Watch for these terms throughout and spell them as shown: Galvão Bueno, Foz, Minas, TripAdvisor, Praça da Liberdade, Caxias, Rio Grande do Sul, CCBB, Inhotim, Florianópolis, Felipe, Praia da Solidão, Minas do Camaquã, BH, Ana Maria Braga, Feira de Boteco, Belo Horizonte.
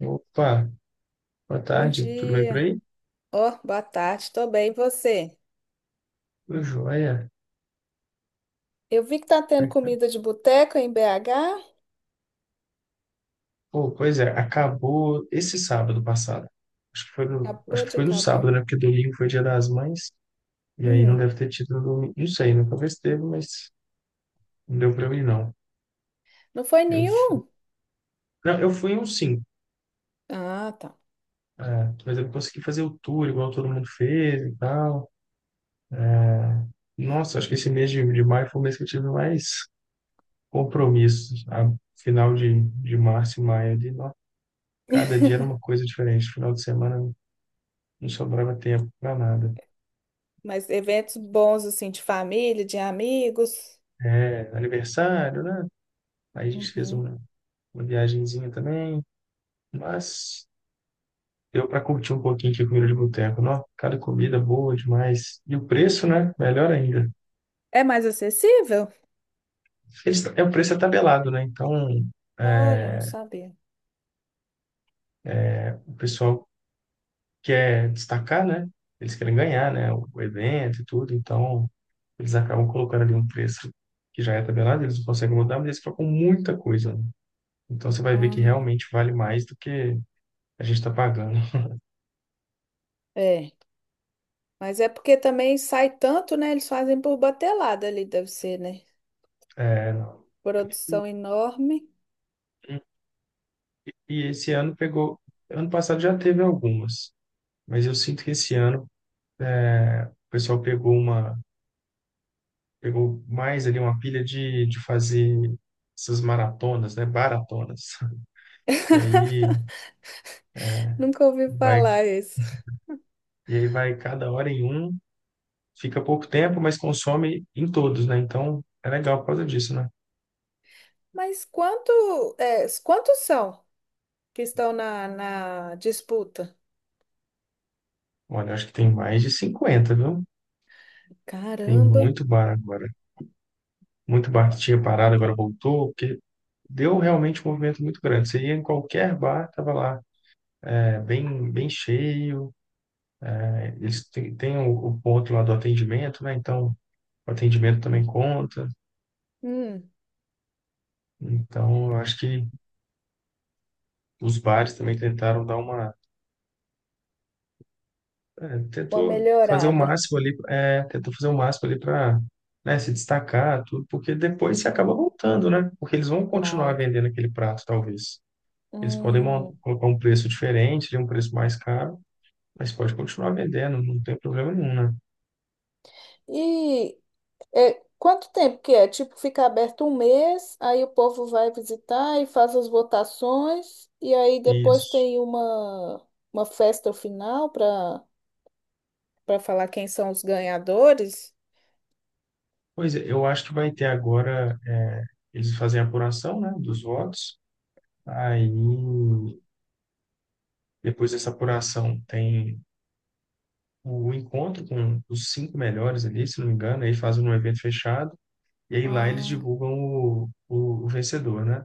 Opa, boa Bom tarde, tudo bem por dia. aí? Ó, boa tarde. Tô bem, e você? Tudo jóia. Eu vi que tá tendo comida de boteco em BH. Pô, pois é, acabou esse sábado passado. Acho que foi no, acho Acabou que de foi no acabar. sábado, né? Porque domingo foi Dia das Mães, e aí não Hum, deve ter tido no domingo. Não sei, nunca vi se teve, mas não deu pra mim, não. não foi Eu, fui- nenhum? não, eu fui em um sim, Ah, tá. é, mas eu não consegui fazer o tour igual todo mundo fez e tal. Nossa, acho que esse mês de maio foi o mês que eu tive mais compromissos. A final de março e maio ali, nó, cada dia era uma coisa diferente. Final de semana não sobrava tempo para nada. Mas eventos bons, assim, de família, de amigos. É, aniversário, né? Aí a gente fez Uhum. Uma viagenzinha também, mas deu para curtir um pouquinho aqui a comida de boteco, não? Cada comida boa demais. E o preço, né? Melhor ainda. É mais acessível? Eles, é, o preço é tabelado, né? Então, Olha, não é, sabia. o pessoal quer destacar, né? Eles querem ganhar, né? O evento e tudo, então eles acabam colocando ali um preço que já é tabelado, eles não conseguem mudar, mas eles colocam muita coisa, né? Então você vai ver que Ah, realmente vale mais do que a gente está pagando. é. Mas é porque também sai tanto, né? Eles fazem por batelada ali, deve ser, né? É, Produção enorme. e esse ano pegou. Ano passado já teve algumas, mas eu sinto que esse ano é, o pessoal pegou uma, pegou mais ali uma pilha de fazer essas maratonas, né? Baratonas. E aí Nunca ouvi vai, falar isso. e aí vai cada hora em um, fica pouco tempo, mas consome em todos, né? Então é legal por causa disso, né? Mas quantos são que estão na disputa? Olha, acho que tem mais de 50, viu? Tem Caramba. muito bar agora. Muito bar que tinha parado, agora voltou, porque deu realmente um movimento muito grande. Você ia em qualquer bar, estava lá, é, bem cheio. É, eles têm, têm o ponto lá do atendimento, né? Então, o atendimento também conta. Hum, Então, eu acho que os bares também tentaram dar uma. É, Uma tentou fazer o melhorada. máximo ali, é, tentou fazer o máximo ali para, né, se destacar, tudo, porque depois você acaba voltando, né? Porque eles vão continuar Claro. vendendo aquele prato, talvez. Eles podem mon- Hum. colocar um preço diferente, ali, um preço mais caro, mas pode continuar vendendo, não tem problema nenhum, né? E quanto tempo que é? Tipo, fica aberto um mês, aí o povo vai visitar e faz as votações, e aí depois Isso. tem uma festa final para falar quem são os ganhadores? Pois é, eu acho que vai ter agora, é, eles fazem a apuração, né, dos votos. Aí, depois dessa apuração, tem o encontro com os cinco melhores ali, se não me engano, aí fazem um evento fechado, e aí lá eles Ah, divulgam o vencedor, né?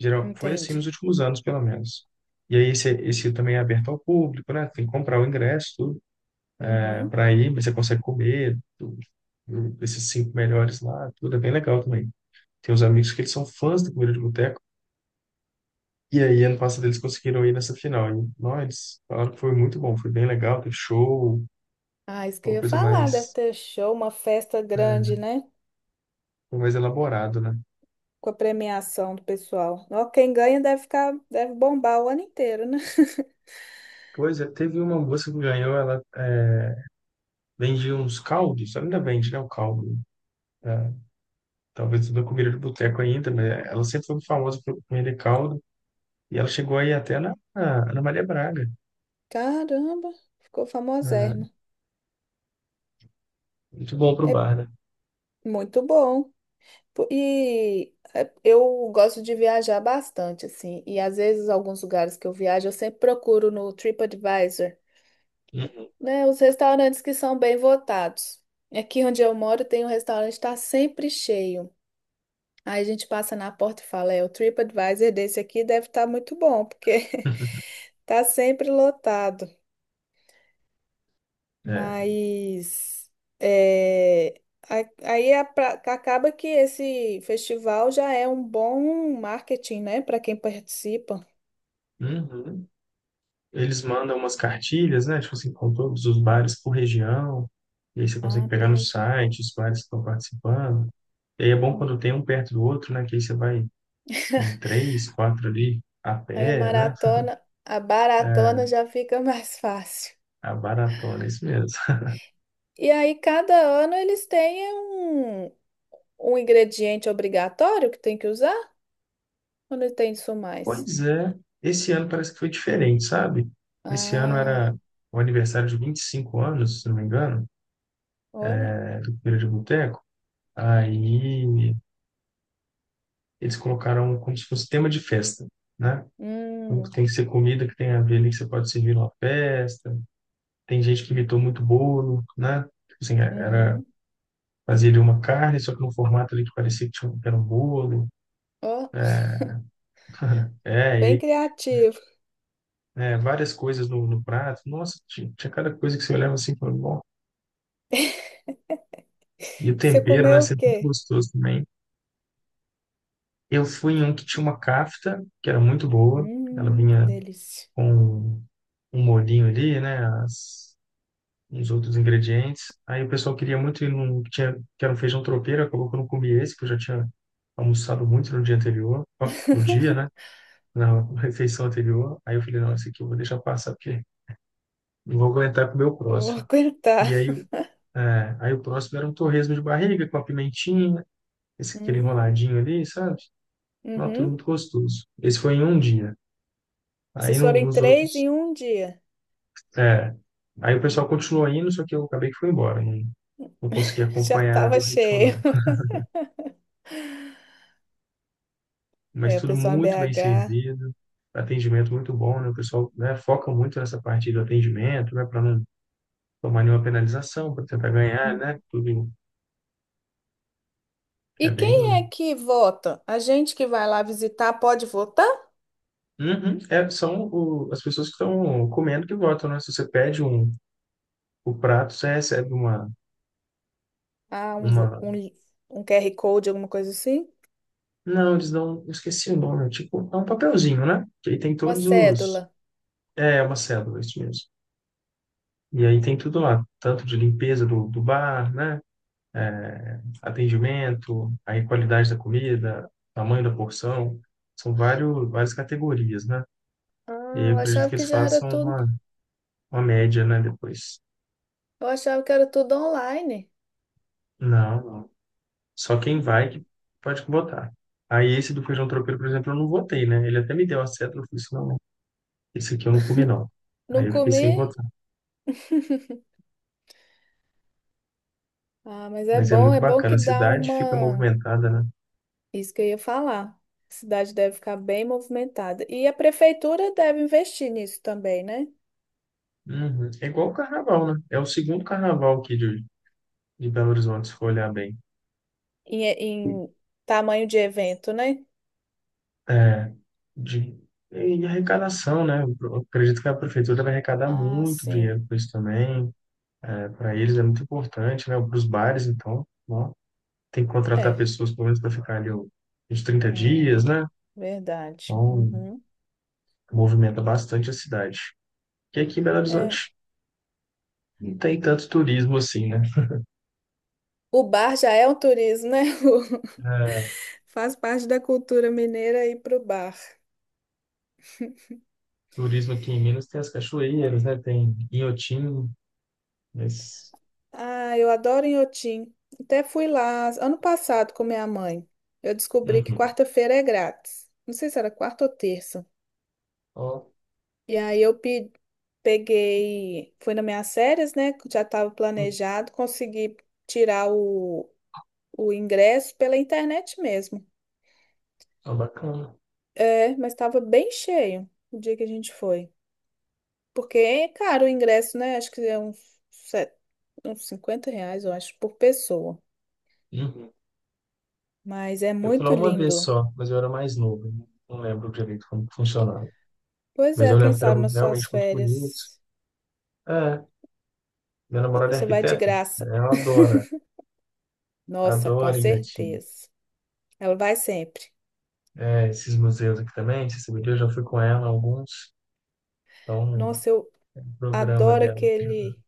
Geral, foi assim nos entendi. últimos anos, pelo menos. E aí esse também é aberto ao público, né? Tem que comprar o ingresso, tudo, Uhum. para ir, mas você consegue comer, tudo, esses cinco melhores lá, tudo é bem legal também. Tem uns amigos que eles são fãs da comida de boteco. E aí, ano passado, eles conseguiram ir nessa final. E, não, eles falaram que foi muito bom, foi bem legal, teve show, Ah, isso que eu uma ia coisa falar, deve mais, ter show, uma festa grande, né? foi mais elaborado, né? Com a premiação do pessoal. Ó, quem ganha deve ficar, deve bombar o ano inteiro, né? Pois é, teve uma moça que ganhou, ela é, vendia uns caldos, ela ainda vende, né, o caldo, né? É, talvez não comida de boteco ainda, mas ela sempre foi famosa por vender caldo. E ela chegou aí até na, na Ana Maria Braga, Caramba, ficou né? famosérrimo. Muito bom pro É bar, né? muito bom. E eu gosto de viajar bastante, assim. E às vezes, alguns lugares que eu viajo, eu sempre procuro no TripAdvisor, Uhum. né? Os restaurantes que são bem votados. Aqui onde eu moro, tem um restaurante que está sempre cheio. Aí a gente passa na porta e fala, o TripAdvisor desse aqui deve estar muito bom, porque tá sempre lotado. É. Mas é, aí acaba que esse festival já é um bom marketing, né, para quem participa. Uhum. Eles mandam umas cartilhas, né? Tipo assim, com todos os bares por região. E aí você consegue Ah, pegar no poxa. site os bares que estão participando. E aí é bom Hum. quando tem um perto do outro, né? Que aí você vai em três, quatro ali a Aí a pé, né? maratona, a baratona já fica mais fácil. A baratona, é isso mesmo. E aí cada ano eles têm um ingrediente obrigatório que tem que usar ou não tem isso mais? Pois é, esse ano parece que foi diferente, sabe? Esse ano Ah. era o aniversário de 25 anos, se não me engano, Olha. do Feira de Boteco. Aí eles colocaram como se fosse tema de festa, né? Então, Hum, tem que ser comida que tem a ver ali, que você pode servir numa festa. Tem gente que imitou muito bolo, né? Tipo assim, uhum. fazia ali uma carne, só que num formato ali que parecia que, tinha, que era um bolo. Ó, É, e bem aí, criativo. né, várias coisas no prato. Nossa, tinha cada coisa que você olhava assim, e falava, bom. E o Você tempero, né? comeu o Sempre muito quê? gostoso também. Eu fui em um que tinha uma kafta, que era muito boa. Ela vinha Delícia. com um molhinho ali, né? Uns outros ingredientes. Aí o pessoal queria muito ir num que tinha, que era um feijão tropeiro, acabou que eu não comi esse, que eu já tinha almoçado muito no dia anterior, ó, no dia, né? Na refeição anterior. Aí eu falei, não, esse aqui eu vou deixar passar, porque não vou aguentar comer o Eu vou próximo. aguentar. E aí, aí o próximo era um torresmo de barriga com a pimentinha, esse aquele Hum, enroladinho ali, sabe? Ó, tudo uhum. muito gostoso. Esse foi em um dia. Aí Vocês foram em nos três outros, em um dia. é, aí o pessoal continuou indo, só que eu acabei que fui embora, não, não consegui Já acompanhar estava o ritmo, cheio. não. Mas É, o tudo pessoal em muito bem BH. servido, atendimento muito bom, né? O pessoal, né, foca muito nessa parte do atendimento, né, para não tomar nenhuma penalização, para tentar ganhar, Hum. né? Tudo E é quem bem. é que vota? A gente que vai lá visitar pode votar? Uhum. É, são as pessoas que estão comendo que votam, né? Se você pede um, o prato, você recebe Ah, uma... um QR Code, alguma coisa assim? Não, eles dão... eu esqueci o nome. É tipo, é um papelzinho, né? Que aí tem Uma todos os... cédula. É, uma cédula, isso mesmo. E aí tem tudo lá. Tanto de limpeza do bar, né? Atendimento, aí qualidade da comida, tamanho da porção, são várias categorias, né? Ah, E aí eu eu acredito achava que que eles já era façam tudo. Uma média, né, depois. Eu achava que era tudo online. Não, não. Só quem vai Hum. que pode botar. Aí esse do feijão tropeiro, por exemplo, eu não votei, né? Ele até me deu a seta, eu falei assim, não, esse aqui eu não comi, não. Não Aí eu fiquei sem comi? votar. Ah, mas Mas é muito é bom bacana, que a dá cidade fica uma. movimentada, né? Isso que eu ia falar. A cidade deve ficar bem movimentada. E a prefeitura deve investir nisso também, né? Uhum. É igual o carnaval, né? É o segundo carnaval aqui de Belo Horizonte, se for olhar bem. Em tamanho de evento, né? É, de, e de arrecadação, né? Eu acredito que a prefeitura vai arrecadar Ah, muito sim. dinheiro com isso também. É, para eles é muito importante, né? Para os bares, então, ó, tem que contratar É. pessoas pelo menos para ficar ali, ó, uns 30 dias, Ah, né? verdade. Então, Uhum. movimenta bastante a cidade. E aqui em Belo É. Horizonte não tem tanto turismo assim, né? O bar já é um turismo, né? É, Faz parte da cultura mineira ir pro bar. turismo aqui em Minas tem as cachoeiras, né? Tem Inhotim, mas... Ah, eu adoro Inhotim. Até fui lá ano passado com minha mãe. Eu descobri que Uhum. quarta-feira é grátis. Não sei se era quarta ou terça. Ó, E aí eu peguei, fui nas minhas férias, né, que já estava uhum, planejado, consegui tirar o ingresso pela internet mesmo. ó, bacana. É, mas estava bem cheio o dia que a gente foi. Porque é caro o ingresso, né? Acho que é uns R$ 50, eu acho, por pessoa. Uhum. Mas é Eu fui lá muito uma vez lindo. só, mas eu era mais novo, né? Não lembro direito como que funcionava. Pois Mas eu é, quem lembro que era sabe nas suas realmente muito bonito. férias É, minha namorada é você vai de arquiteta. graça. Ela adora. Nossa, com Adora Inhatim. certeza. Ela vai sempre. É, esses museus aqui também. Você sabe, eu já fui com ela a alguns. Então, Nossa, eu o programa adoro dela. aquele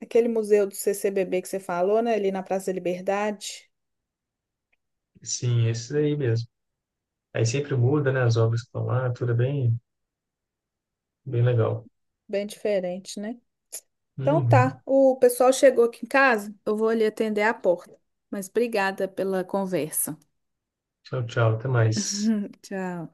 aquele museu do CCBB que você falou, né? Ali na Praça da Liberdade. Sim, esses aí mesmo. Aí sempre muda, né? As obras que estão lá. Tudo é bem legal. Bem diferente, né? Então Uhum. tá, o pessoal chegou aqui em casa, eu vou ali atender a porta. Mas obrigada pela conversa. Tchau, tchau. Até mais. Tchau.